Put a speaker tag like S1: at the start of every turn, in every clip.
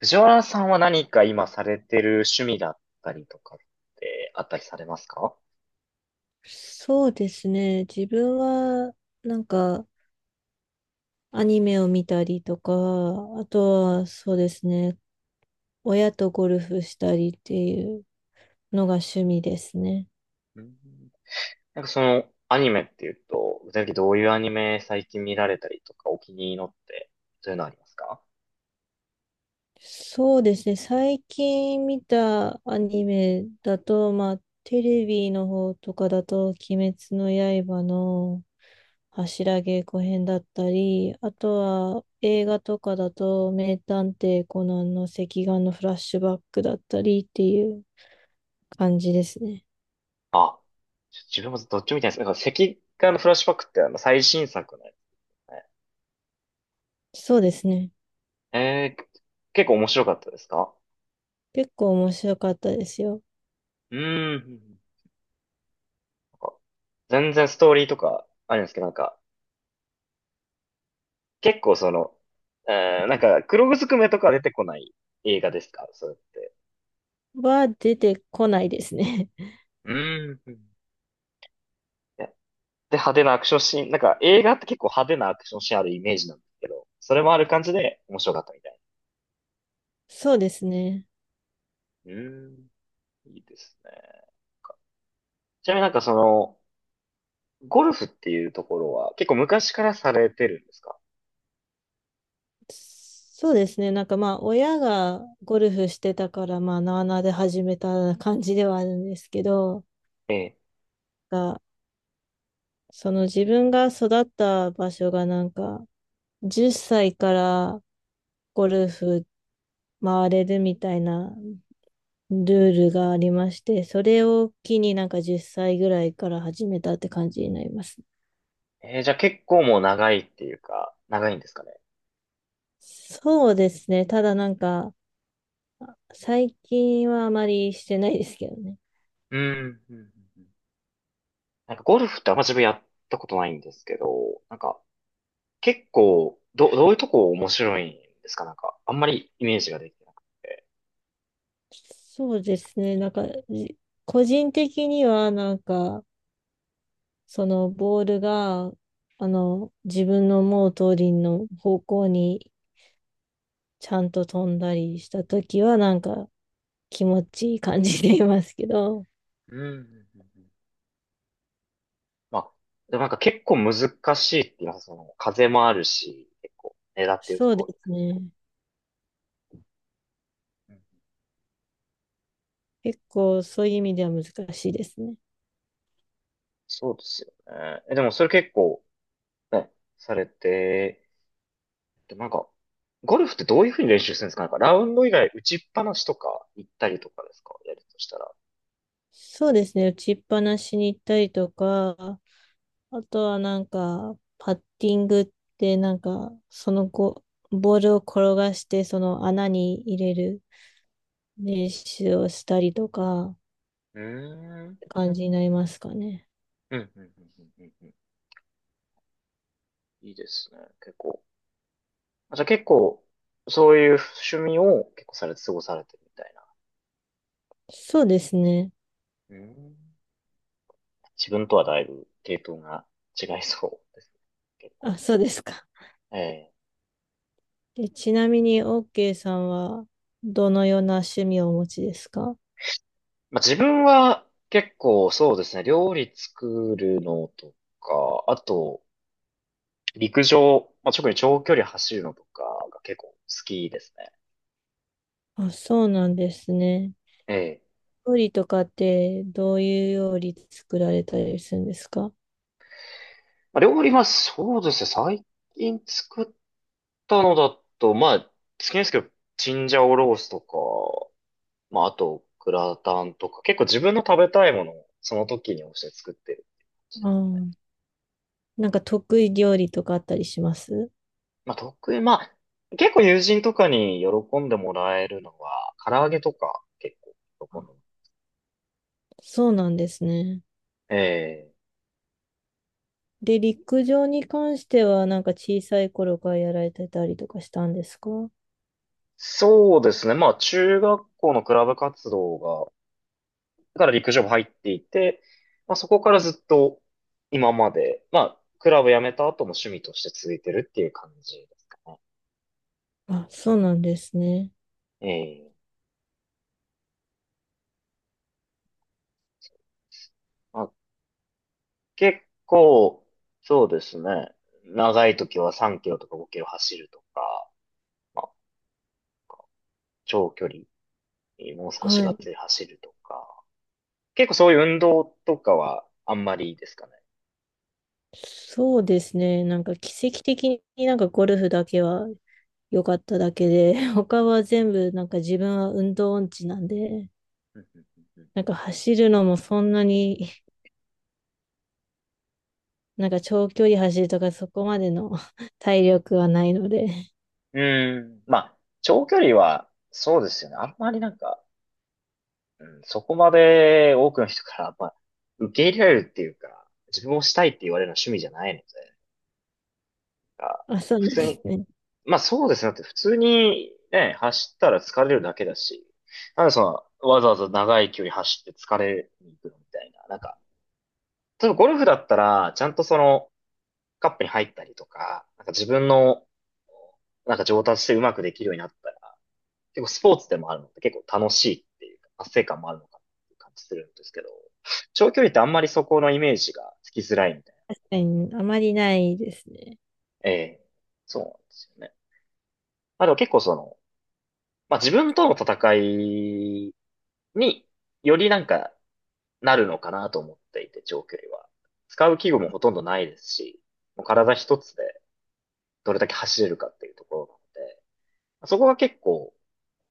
S1: 藤原さんは何か今されてる趣味だったりとかってあったりされますか？
S2: そうですね。自分は、なんか、アニメを見たりとか、あとは、そうですね。親とゴルフしたりっていうのが趣味ですね。
S1: うん。なんかそのアニメっていうと、具体的にどういうアニメ最近見られたりとかお気に入りのって、そういうのありますか？
S2: そうですね。最近見たアニメだと、まあ、テレビの方とかだと、鬼滅の刃の柱稽古編だったり、あと
S1: え、
S2: は映画とかだと、名探偵コナンの隻眼のフラッシュバックだったりっていう感じですね。
S1: あ、ちょ自分もどっちも見たいです。なんか赤眼のフラッシュバックってあの最新作のやつね。
S2: そうですね。
S1: えー、結構面白かったですか？
S2: 結構面白かったですよ。
S1: うーん。ん、なんか全然ストーリーとかあるんですけど、なんか結構その、うん、なんか、黒ずくめとか出てこない映画ですかそうやって。
S2: は出てこないですね。
S1: うん、ね。で、派手なアクションシーン、なんか映画って結構派手なアクションシーンあるイメージなんですけど、それもある感じで面白かったみたい。
S2: そうですね。
S1: うん。いいですね。ちなみになんかその、ゴルフっていうところは結構昔からされてるんですか？
S2: そうですね。なんかまあ、親がゴルフしてたから、まあ、なあなあで始めた感じではあるんですけど、
S1: ええ。
S2: が、その自分が育った場所がなんか、10歳からゴルフ回れるみたいなルールがありまして、それを機になんか10歳ぐらいから始めたって感じになりますね。
S1: じゃあ結構もう長いっていうか、長いんですかね。
S2: そうですね。ただなんか、最近はあまりしてないですけどね。
S1: うん。うんうんうん。なんかゴルフってあんま自分やったことないんですけど、なんか結構、どういうとこ面白いんですかなんか、あんまりイメージができてなくて。
S2: そうですね。なんか、じ個人的にはなんか、そのボールが、あの、自分の思う通りの方向にちゃんと飛んだりしたときはなんか気持ちいい感じでいますけど、
S1: うんうんうんうん。まあ、でもなんか結構難しいって言います。その、風もあるし、結構、狙ってると
S2: そう
S1: こ
S2: で
S1: ろに
S2: す
S1: 行く。
S2: ね。
S1: うん。
S2: 結構そういう意味では難しいですね。
S1: そうですよね。え、でもそれ結構、ね、されて、でもなんか、ゴルフってどういうふうに練習するんですかなんか、ラウンド以外打ちっぱなしとか行ったりとかですかやるとしたら。
S2: そうですね。打ちっぱなしに行ったりとか、あとはなんか、パッティングってなんか、その後、ボールを転がしてその穴に入れる練習をしたりとか、
S1: うーん
S2: 感じになりますかね。
S1: うんうんうんうんうんうん。いいですね、結構。まあじゃあ結構、そういう趣味を結構されて過ごされてるみたいな。
S2: そうですね。
S1: うん。自分とはだいぶ系統が違いそうですね、結構。
S2: あ、そうですか。
S1: ええ。
S2: で、ちなみに、OK さんは、どのような趣味をお持ちですか？
S1: まあ、自分は結構そうですね、料理作るのとか、あと、陸上、まあ、特に長距離走るのとかが結構好きですね。
S2: あ、そうなんですね。
S1: ええ。
S2: 料理とかって、どういう料理作られたりするんですか？
S1: まあ、料理はそうですね、最近作ったのだと、まあ、好きですけど、チンジャオロースとまあ、あと、グラタンとか、結構自分の食べたいものをその時に応じて作ってるっていう感じで
S2: あ
S1: す。
S2: ーなんか得意料理とかあったりします？
S1: まあ、得意、まあ、結構友人とかに喜んでもらえるのは、唐揚げとか結構喜んでも
S2: そうなんですね。
S1: らえる。ええ。
S2: で、陸上に関しては、なんか小さい頃からやられてたりとかしたんですか？
S1: そうですね。まあ、中学校のクラブ活動が、だから陸上部入っていて、まあ、そこからずっと今まで、まあ、クラブ辞めた後も趣味として続いてるっていう感じですかね。
S2: あ、そうなんですね。
S1: ええ。まあ、結構、そうですね。長い時は3キロとか5キロ走るとか、まあ、長距離、もう少し
S2: は
S1: がっつ
S2: い。
S1: り走るとか、結構そういう運動とかはあんまりいいですかね。
S2: そうですね。なんか奇跡的になんかゴルフだけは良かっただけで、他は全部なんか自分は運動音痴なんで、
S1: うんうんうん
S2: なんか走るのもそんなに、なんか長距離走るとかそこまでの 体力はないので、
S1: うん。うーん。まあ、長距離は、そうですよね。あんまりなんか、うん、そこまで多くの人から、まあ、受け入れられるっていうか、自分をしたいって言われるのは趣味じゃないので、なんか
S2: まあ、そうな
S1: 普
S2: ん
S1: 通
S2: で
S1: に、
S2: すね。
S1: まあそうですね。だって普通にね、走ったら疲れるだけだし、なんでその、わざわざ長い距離走って疲れに行くのみたいな。なんか、例えばゴルフだったら、ちゃんとその、カップに入ったりとか、なんか自分の、なんか上達してうまくできるようになったら、結構スポーツでもあるので結構楽しいっていうか、達成感もあるのかなっていう感じするんですけど、長距離ってあんまりそこのイメージがつきづらいみたいな。
S2: 確かにあまりないですね。
S1: ええ、そうなんですよね。まあでも結構その、まあ自分との戦いによりなんかなるのかなと思っていて、長距離は。使う器具もほとんどないですし、もう体一つでどれだけ走れるかっていうところなので、そこが結構、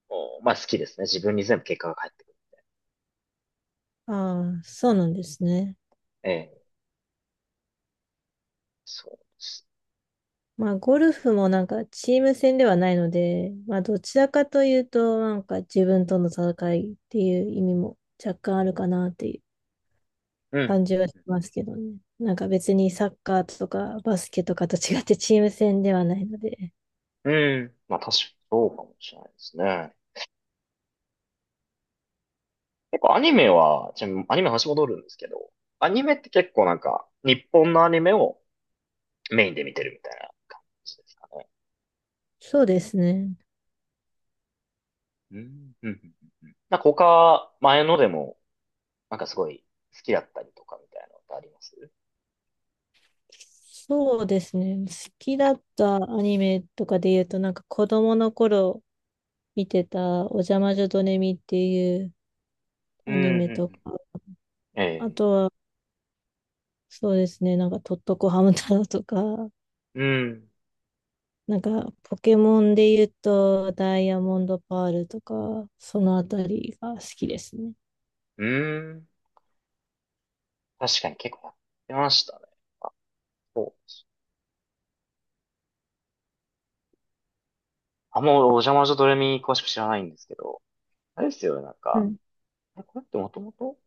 S1: おまあ好きですね。自分に全部結果が返ってくる。
S2: ああ、そうなんですね。
S1: ええ、そうです。
S2: まあ、ゴルフもなんかチーム戦ではないので、まあ、どちらかというと、なんか自分との戦いっていう意味も若干あるかなっていう
S1: う
S2: 感
S1: ん。
S2: じはしますけどね。なんか別にサッカーとかバスケとかと違ってチーム戦ではないので。
S1: うん。まあ確かにそうかもしれないですね。結構アニメは、ちなみにアニメの話戻るんですけど、アニメって結構なんか、日本のアニメをメインで見てるみたいな感じですかね。
S2: そうですね。
S1: うん。うん。うんうん。なんか他、前のでもなんかすごい好きだったりとかみたいなのってあります？
S2: そうですね。好きだったアニメとかで言うと、なんか子供の頃見てたおじゃまじょドネミっていうアニメとか、
S1: うん、
S2: あ
S1: ええ、
S2: とはそうですね、なんかトットコハム太郎とか、
S1: うん、
S2: なんか、ポケモンで言うと、ダイヤモンドパールとか、そのあたりが好きですね。
S1: うん。うん。確かに結構やってましたね。そう、あんまお邪魔女ドレミ詳しく知らないんですけど、あれですよね、なん
S2: は
S1: か、
S2: い。
S1: あれこれってもともと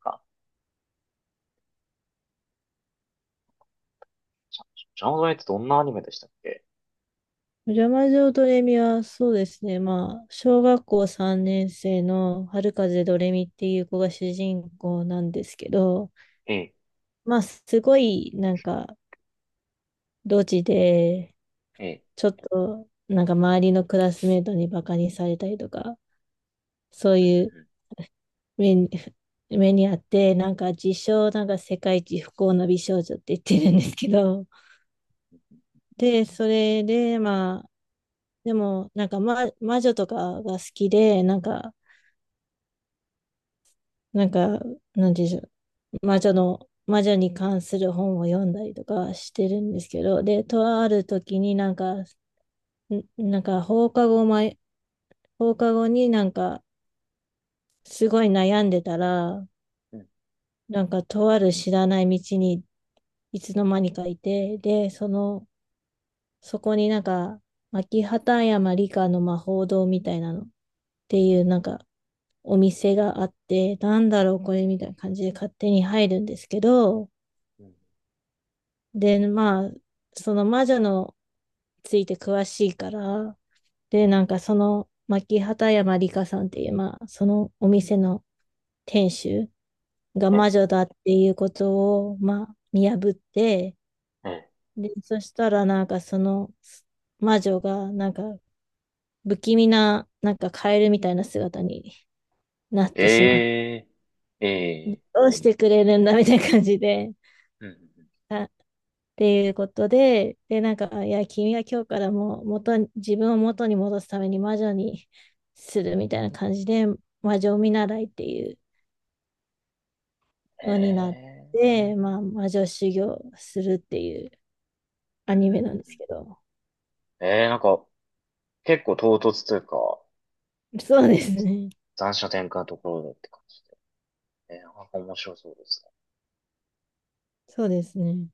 S1: か、じゃ邪魔女ドレミってどんなアニメでしたっけ？
S2: お邪魔女ドレミは、そうですね。まあ、小学校3年生の春風ドレミっていう子が主人公なんですけど、
S1: ええ、
S2: まあ、すごい、なんか、ドジで、
S1: ええ、
S2: ちょっと、なんか周りのクラスメートにバカにされたりとか、そう
S1: う
S2: い
S1: ん、
S2: う目に、目にあって、なんか自称、なんか世界一不幸の美少女って言ってるんですけど、で、それで、まあ、でも、なんか、魔女とかが好きで、なんか、なんか、なんていうんでしょう、魔女に関する本を読んだりとかしてるんですけど、で、とある時になんか、なんか放課後になんか、すごい悩んでたら、
S1: う
S2: なんかとある知らない道にいつの間にかいて、で、その、そこになんか、牧畑山理科の魔法堂みたいなのっていうなんかお店があって、なんだろうこれみたいな感じで勝手に入るんですけど、
S1: ん。
S2: で、まあ、その魔女のついて詳しいから、で、なんかその、牧畑山里香さんっていう、まあ、そのお店の店主が
S1: ええ、
S2: 魔女だっていうことを、まあ、見破って、
S1: え
S2: で、そしたらなんかその魔女が、なんか不気味な、なんかカエルみたいな姿になってしまって、
S1: え、ええ、
S2: ど
S1: え、
S2: うしてくれるんだみたいな感じで、
S1: うん、うん。
S2: あ、っていうことで、で、なんか、あいや、君は今日からもう元に、自分を元に戻すために魔女にするみたいな感じで、魔女見習いっていう
S1: え、
S2: のになっ
S1: え
S2: て、まあ、魔女修行するっていう
S1: え、う
S2: ア
S1: ん、うん。うん
S2: ニ
S1: う
S2: メなん
S1: ん
S2: で
S1: う
S2: す
S1: ん。
S2: けど。
S1: ええ、なんか結構唐突というか、
S2: そうですね。
S1: 残暑転換のところだって感じで。なんか面白そうですね。
S2: そうですね。